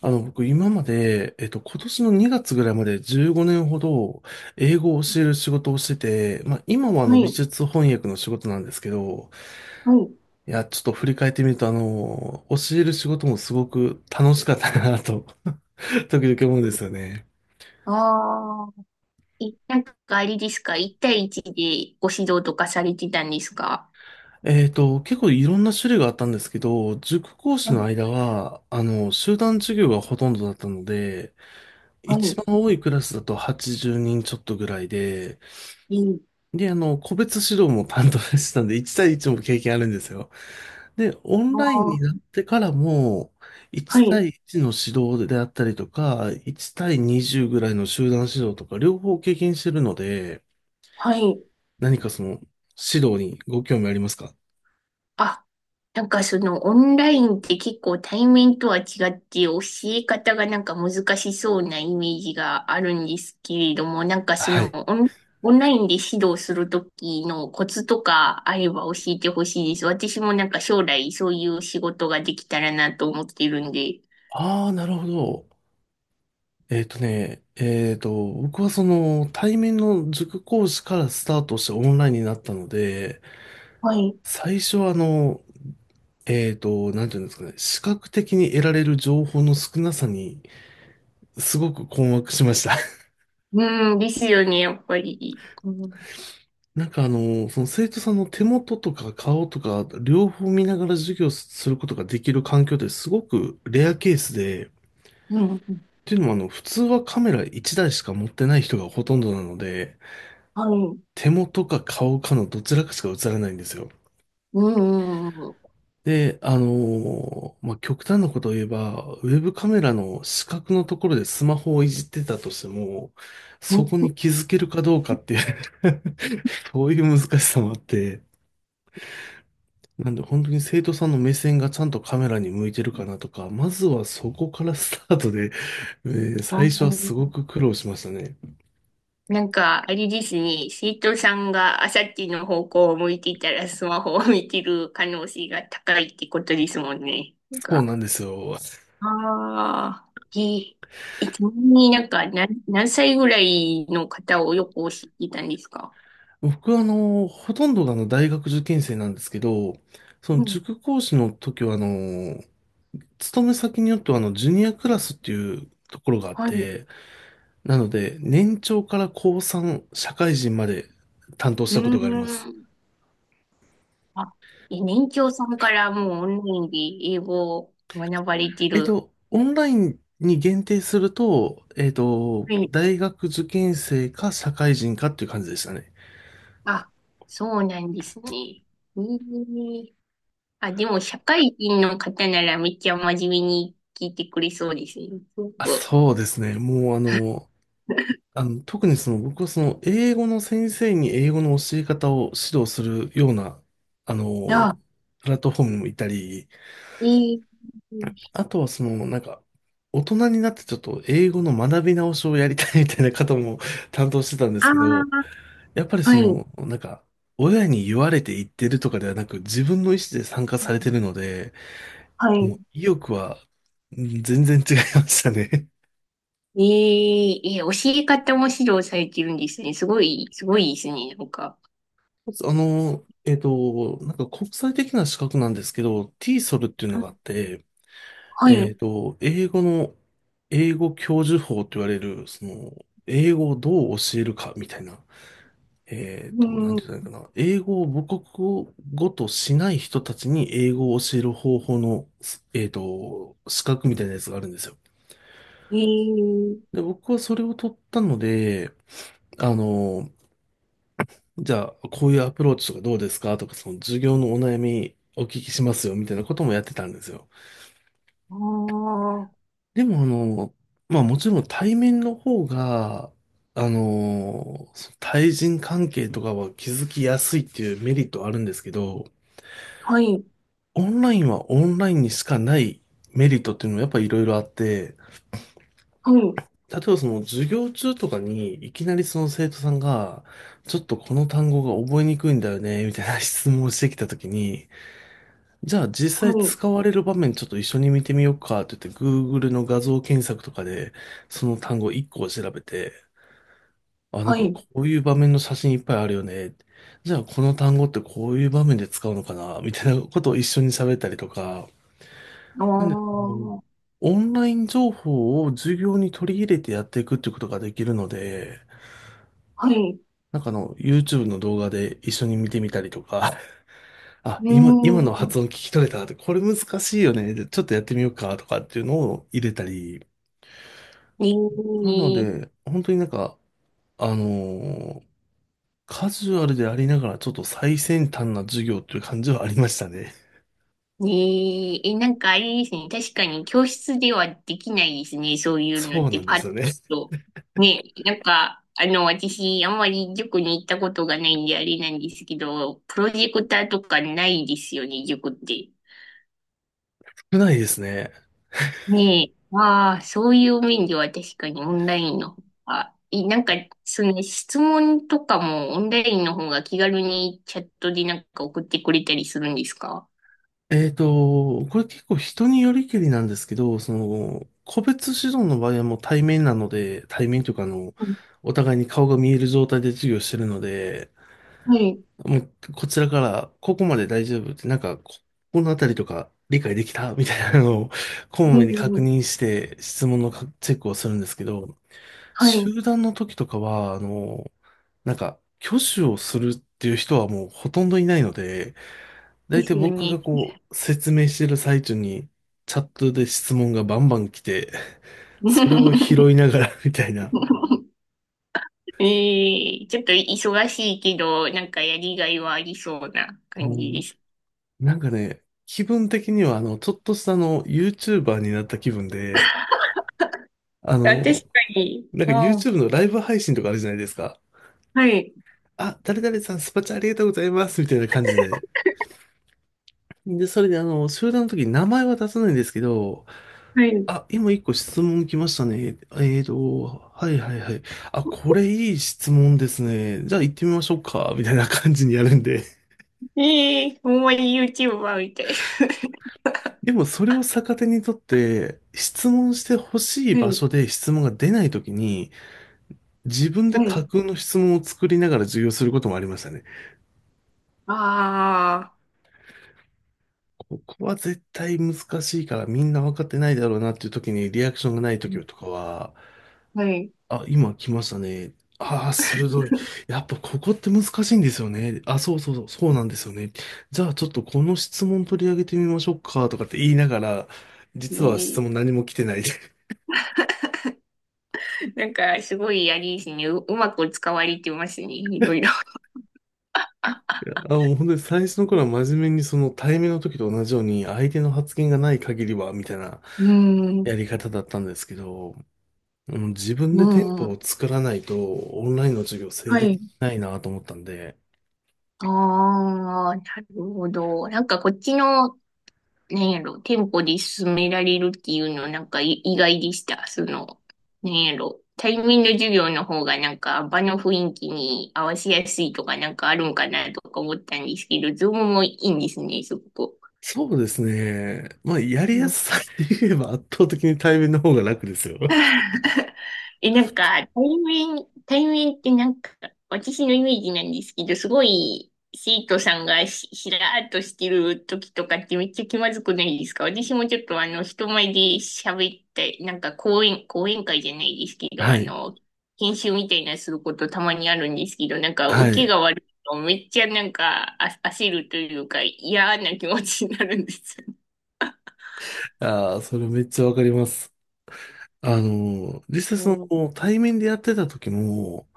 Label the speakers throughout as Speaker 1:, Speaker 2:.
Speaker 1: 僕今まで、今年の2月ぐらいまで15年ほど英語を教える仕事をしてて、まあ今は
Speaker 2: は
Speaker 1: 美
Speaker 2: い、
Speaker 1: 術翻訳の仕事なんですけど、
Speaker 2: はい。
Speaker 1: いや、ちょっと振り返ってみると教える仕事もすごく楽しかったなと、時々思うんですよね。
Speaker 2: ああ、え、なんかあれですか ?1 対1でご指導とかされてたんですか？
Speaker 1: 結構いろんな種類があったんですけど、塾講師
Speaker 2: は
Speaker 1: の
Speaker 2: い、
Speaker 1: 間は、集団授業がほとんどだったので、
Speaker 2: は
Speaker 1: 一
Speaker 2: い、
Speaker 1: 番多いクラスだと80人ちょっとぐらいで、
Speaker 2: いい
Speaker 1: で、個別指導も担当してたんで、1対1も経験あるんですよ。で、オン
Speaker 2: な
Speaker 1: ライン
Speaker 2: あ。
Speaker 1: になってからも、
Speaker 2: は
Speaker 1: 1
Speaker 2: い、
Speaker 1: 対1の指導であったりとか、1対20ぐらいの集団指導とか、両方経験してるので、
Speaker 2: はい。
Speaker 1: 何かその、指導にご興味ありますか？
Speaker 2: あ、なんかそのオンラインって結構対面とは違って教え方がなんか難しそうなイメージがあるんですけれども、なんかそ
Speaker 1: は
Speaker 2: の
Speaker 1: い。
Speaker 2: オン、オンラインで指導するときのコツとかあれば教えてほしいです。私もなんか将来そういう仕事ができたらなと思ってるんで。
Speaker 1: ああ、なるほど。えっとね、えっと、僕はその、対面の塾講師からスタートしてオンラインになったので、
Speaker 2: はい。
Speaker 1: 最初はなんていうんですかね、視覚的に得られる情報の少なさに、すごく困惑しました。
Speaker 2: うん、ですよね、やっぱり。うん、
Speaker 1: なんかその生徒さんの手元とか顔とか、両方見ながら授業することができる環境ってすごくレアケースで、っ
Speaker 2: うん、
Speaker 1: ていうのも普通はカメラ1台しか持ってない人がほとんどなので、
Speaker 2: はい。
Speaker 1: 手元か顔かのどちらかしか映らないんですよ。
Speaker 2: うん、うん、うん。
Speaker 1: で、まあ、極端なことを言えば、ウェブカメラの死角のところでスマホをいじってたとしても、そこに気づけるかどうかっていう そういう難しさもあって、なんで本当に生徒さんの目線がちゃんとカメラに向いてるかなとか、まずはそこからスタートで、え最初はすごく苦労しましたね。
Speaker 2: なんか、あれですね、生徒さんがあさっての方向を向いていたらスマホを見てる可能性が高いってことですもんね。なん
Speaker 1: そう
Speaker 2: か、
Speaker 1: なんですよ。
Speaker 2: ああ、で、えちなみになんか何歳ぐらいの方をよく知っていたんですか？
Speaker 1: 僕はほとんどが大学受験生なんですけど、その
Speaker 2: うん、
Speaker 1: 塾講師の時は勤め先によっては、ジュニアクラスっていうところがあっ
Speaker 2: はい。う
Speaker 1: て、なので、年長から高3、社会人まで担当し
Speaker 2: ー
Speaker 1: たことがあります。
Speaker 2: ん。あ、え、年長さんからもうオンラインで英語を学ばれてる。
Speaker 1: オンラインに限定すると、
Speaker 2: はい。
Speaker 1: 大学受験生か社会人かっていう感じでしたね。
Speaker 2: あ、そうなんですね。ええ、あ、でも社会人の方ならめっちゃ真面目に聞いてくれそうですね。すご
Speaker 1: あ、
Speaker 2: く。
Speaker 1: そうですね。もう特にその僕はその英語の先生に英語の教え方を指導するような、あの、
Speaker 2: あ、
Speaker 1: プラットフォームもいたり、
Speaker 2: ええ、
Speaker 1: あとはその、なんか、大人になってちょっと英語の学び直しをやりたいみたいな方も 担当してたんです
Speaker 2: あ
Speaker 1: けど、
Speaker 2: あ、
Speaker 1: やっぱり
Speaker 2: は
Speaker 1: そ
Speaker 2: い、
Speaker 1: の、なんか、親に言われて言ってるとかではなく、自分の意思で参加されてるので、
Speaker 2: は
Speaker 1: も
Speaker 2: い。
Speaker 1: う意欲はうん全然違いましたね。
Speaker 2: えええ、教え方も指導されてるんですね。すごい、すごいですね。なんか。
Speaker 1: なんか国際的な資格なんですけど、t ィーソルっていうの
Speaker 2: は
Speaker 1: があ
Speaker 2: い。
Speaker 1: って、
Speaker 2: はい、
Speaker 1: 英語の、英語教授法と言われる、その、英語をどう教えるかみたいな、
Speaker 2: う
Speaker 1: なん
Speaker 2: ん、
Speaker 1: て言ったらいいかな。英語を母国語としない人たちに英語を教える方法の、資格みたいなやつがあるんですよ。
Speaker 2: ええ、
Speaker 1: で、僕はそれを取ったので、あの、じゃあ、こういうアプローチとかどうですかとか、その授業のお悩みお聞きしますよ、みたいなこともやってたんですよ。
Speaker 2: ああ、
Speaker 1: でも、まあもちろん対面の方が、あの、対人関係とかは気づきやすいっていうメリットはあるんですけど、
Speaker 2: はい、
Speaker 1: オンラインはオンラインにしかないメリットっていうのもやっぱりいろいろあって、
Speaker 2: はい。
Speaker 1: 例えばその授業中とかにいきなりその生徒さんが、ちょっとこの単語が覚えにくいんだよね、みたいな質問をしてきたときに、じゃあ実
Speaker 2: は
Speaker 1: 際
Speaker 2: い、
Speaker 1: 使われる場面ちょっと一緒に見てみようかって言って Google の画像検索とかでその単語1個を調べて、あ、なん
Speaker 2: は
Speaker 1: か
Speaker 2: い、
Speaker 1: こういう場面の写真いっぱいあるよね。じゃあこの単語ってこういう場面で使うのかなみたいなことを一緒に喋ったりとか、
Speaker 2: ああ、
Speaker 1: でもう
Speaker 2: は
Speaker 1: オンライン情報を授業に取り入れてやっていくってことができるので、
Speaker 2: い、う
Speaker 1: なんかYouTube の動画で一緒に見てみたりとか、あ、
Speaker 2: ー
Speaker 1: 今の発
Speaker 2: ん、
Speaker 1: 音聞き取れたって、これ難しいよね。でちょっとやってみようかとかっていうのを入れたり。
Speaker 2: ね
Speaker 1: なの
Speaker 2: え、
Speaker 1: で、本当になんか、あのーカジュアルでありながらちょっと最先端な授業っていう感じはありましたね。
Speaker 2: ねえ、え、なんかあれですね、確かに教室ではできないですね、そういうの
Speaker 1: そ
Speaker 2: っ
Speaker 1: うな
Speaker 2: て
Speaker 1: んで
Speaker 2: パ
Speaker 1: す
Speaker 2: ッ
Speaker 1: よね。
Speaker 2: と。ねえ、なんか、あの、私、あんまり塾に行ったことがないんであれなんですけど、プロジェクターとかないですよね、塾って。
Speaker 1: 少ないですね。
Speaker 2: ねえ、ああ、そういう面では確かにオンラインの方が、い、なんか、その質問とかもオンラインの方が気軽にチャットでなんか送ってくれたりするんですか？
Speaker 1: これ結構人によりけりなんですけど、その、個別指導の場合はもう対面なので、対面というか
Speaker 2: うん、
Speaker 1: お互いに顔が見える状態で授業してるので、
Speaker 2: はい。
Speaker 1: もうこちらからここまで大丈夫って、なんかこのあたりとか理解できたみたいなのを、こ
Speaker 2: う
Speaker 1: まめに確
Speaker 2: ん。
Speaker 1: 認して質問のかチェックをするんですけど、
Speaker 2: はい。
Speaker 1: 集団の時とかは、なんか、挙手をするっていう人はもうほとんどいないので、
Speaker 2: で
Speaker 1: 大
Speaker 2: す
Speaker 1: 体
Speaker 2: よ
Speaker 1: 僕
Speaker 2: ね。
Speaker 1: がこう、説明してる最中に、チャットで質問がバンバン来て、それを 拾いながら みたいな。
Speaker 2: ええ、ちょっと忙しいけど、なんかやりがいはありそうな感じで
Speaker 1: こ
Speaker 2: す。
Speaker 1: うなんかね、気分的には、ちょっとしたYouTuber になった気分で、あ
Speaker 2: あ、確
Speaker 1: の、
Speaker 2: かに。
Speaker 1: なんか
Speaker 2: ああ、
Speaker 1: YouTube のライブ配信とかあるじゃないですか。
Speaker 2: はい。
Speaker 1: あ、誰々さん、スパチャありがとうございます、みたいな感じで。で、それで集団の時に名前は出さないんですけど、
Speaker 2: はい。
Speaker 1: あ、今一個質問来ましたね。はいはいはい。あ、これいい質問ですね。じゃあ行ってみましょうか。みたいな感じにやるんで。
Speaker 2: ええ、ほんまに YouTuber みたい。
Speaker 1: でもそれを逆手にとって、質問してほし い
Speaker 2: は
Speaker 1: 場
Speaker 2: い。
Speaker 1: 所で質問が出ないときに、自分で
Speaker 2: はい。
Speaker 1: 架空の質問を作りながら授業することもありましたね。
Speaker 2: あ
Speaker 1: ここは絶対難しいからみんな分かってないだろうなっていうときにリアクションがないときとかは、
Speaker 2: あ、はい。
Speaker 1: あ、今来ましたね。ああ、鋭い。やっぱここって難しいんですよね。あ、そうそうそう、そうなんですよね。じゃあちょっとこの質問取り上げてみましょうかとかって言いながら、実は質
Speaker 2: ね、
Speaker 1: 問何も来てない。い
Speaker 2: なんか、すごい、やりですね。う、うまく使われてますね。いろいろ。
Speaker 1: やあ、もう本当に最初の頃は真面目にその対面の時と同じように相手の発言がない限りは、みたいな
Speaker 2: うん、う
Speaker 1: やり方だったんですけど、うん自分
Speaker 2: ん、
Speaker 1: でテン
Speaker 2: う
Speaker 1: ポ
Speaker 2: ん。
Speaker 1: を作らないとオンラインの授業成
Speaker 2: は
Speaker 1: 立
Speaker 2: い。
Speaker 1: しないなと思ったんで、
Speaker 2: ああ、なるほど。なんか、こっちの、なんやろ、店舗で進められるっていうの、なんか、意外でした。その、なんやろ、対面の授業の方が、なんか、場の雰囲気に合わせやすいとか、なんかあるんかなとか思ったんですけど、ズームもいいんですね、すごく。
Speaker 1: そうですね。まあ、やりやすさで言えば圧倒的に対面の方が楽ですよ。
Speaker 2: え、なんか、対面ってなんか、私のイメージなんですけど、すごい、生徒さんがしらーっとしてる時とかってめっちゃ気まずくないですか？私もちょっとあの、人前で喋って、なんか講演会じゃないですけど、
Speaker 1: は
Speaker 2: あ
Speaker 1: い。
Speaker 2: の、研修みたいなすることたまにあるんですけど、なんか、
Speaker 1: は
Speaker 2: 受け
Speaker 1: い。
Speaker 2: が悪いとめっちゃなんか、あ、焦るというか、嫌な気持ちになるんですよ。
Speaker 1: ああ、それめっちゃわかります。実際
Speaker 2: う
Speaker 1: そ
Speaker 2: ん、
Speaker 1: の、対面でやってた時も、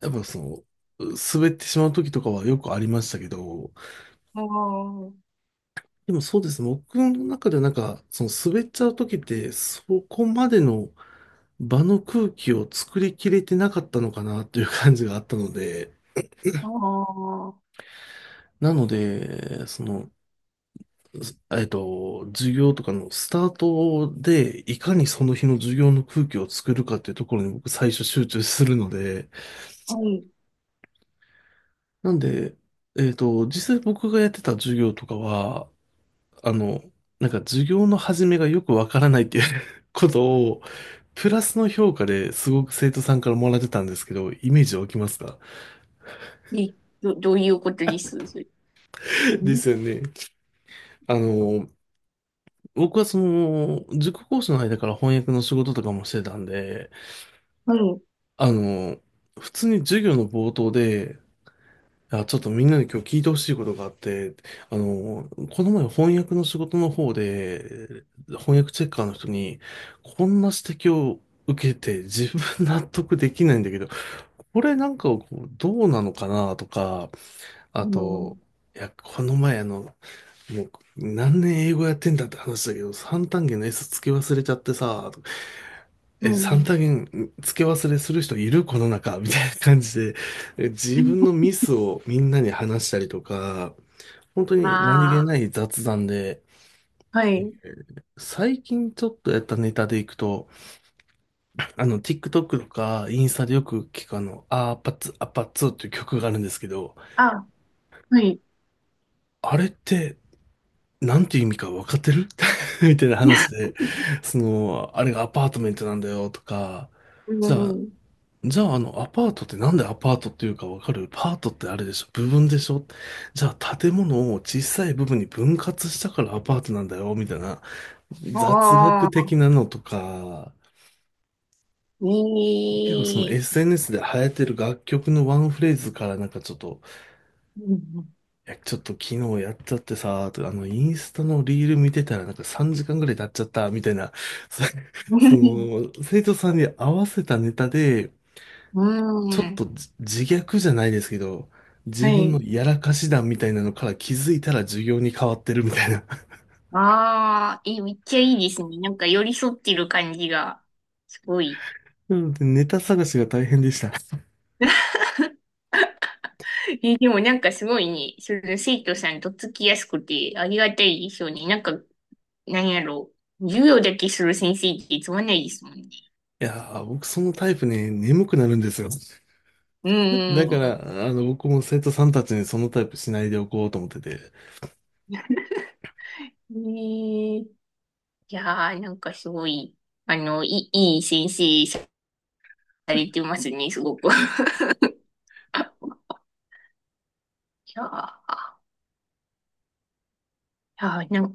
Speaker 1: やっぱその、滑ってしまう時とかはよくありましたけど、
Speaker 2: あー、
Speaker 1: でもそうですね。僕の中ではなんか、その滑っちゃう時って、そこまでの場の空気を作りきれてなかったのかなっていう感じがあったので、
Speaker 2: あー、
Speaker 1: なので、その、授業とかのスタートで、いかにその日の授業の空気を作るかっていうところに僕最初集中するので、
Speaker 2: はい、
Speaker 1: なんで、実際僕がやってた授業とかは、あの、なんか授業の始めがよくわからないっていう ことを、プラスの評価ですごく生徒さんからもらってたんですけど、イメージ湧きますか？
Speaker 2: え、ど、どういうことですそれん？
Speaker 1: ですよね。あの、僕はその、塾講師の間から翻訳の仕事とかもしてたんで、
Speaker 2: はい。
Speaker 1: あの、普通に授業の冒頭で、あ、ちょっとみんなに今日聞いてほしいことがあって、あの、この前翻訳の仕事の方で、翻訳チェッカーの人に、こんな指摘を受けて自分納得できないんだけど、これなんかこうどうなのかなとか、あ
Speaker 2: うん。
Speaker 1: と、いや、この前もう何年英語やってんだって話だけど、三単元の S つき忘れちゃってさ、
Speaker 2: う
Speaker 1: え、三多
Speaker 2: ん。
Speaker 1: 元付け忘れする人いるこの中みたいな感じで、自分のミスをみんなに話したりとか、本当に何気
Speaker 2: あ
Speaker 1: ない雑談で、
Speaker 2: あ、はい。
Speaker 1: 最近ちょっとやったネタでいくと、TikTok とかインスタでよく聞くアパッツっていう曲があるんですけど、
Speaker 2: あ、はい。
Speaker 1: あれって、なんていう意味か分かってる みたいな話で、その、あれがアパートメントなんだよとか、
Speaker 2: う
Speaker 1: じゃあ、
Speaker 2: ん。
Speaker 1: じゃあ、アパートってなんでアパートっていうかわかる？パートってあれでしょ？部分でしょ？じゃあ、建物を小さい部分に分割したからアパートなんだよ、みたいな雑学
Speaker 2: あ
Speaker 1: 的
Speaker 2: あ、
Speaker 1: なのとか、結構そ
Speaker 2: い
Speaker 1: の
Speaker 2: い。
Speaker 1: SNS で流行ってる楽曲のワンフレーズからなんかちょっと、
Speaker 2: うん。
Speaker 1: いや、ちょっと昨日やっちゃってさ、とかインスタのリール見てたらなんか3時間ぐらい経っちゃった、みたいな、そ そ の、生徒さんに合わせたネタで、
Speaker 2: う
Speaker 1: ちょっ
Speaker 2: ん。
Speaker 1: と自虐じゃないですけど、
Speaker 2: は
Speaker 1: 自分
Speaker 2: い。
Speaker 1: のやらかし談みたいなのから気づいたら授業に変わってるみたいな。
Speaker 2: ああ、え、めっちゃいいですね。なんか寄り添ってる感じが、すごい。
Speaker 1: なので ネタ探しが大変でした。い
Speaker 2: え、でもなんかすごいね、その生徒さんとっつきやすくてありがたいでしょうね。なんか、なんやろう。授業だけする先生ってつまんないですもんね。
Speaker 1: やー、僕そのタイプね、眠くなるんですよ。
Speaker 2: うー
Speaker 1: だか
Speaker 2: ん。
Speaker 1: ら、僕も生徒さんたちにそのタイプしないでおこうと思ってて。
Speaker 2: ねえ、いやー、なんかすごい、あの、いい先生されてますね、すごく。いやー、いやー、なんか、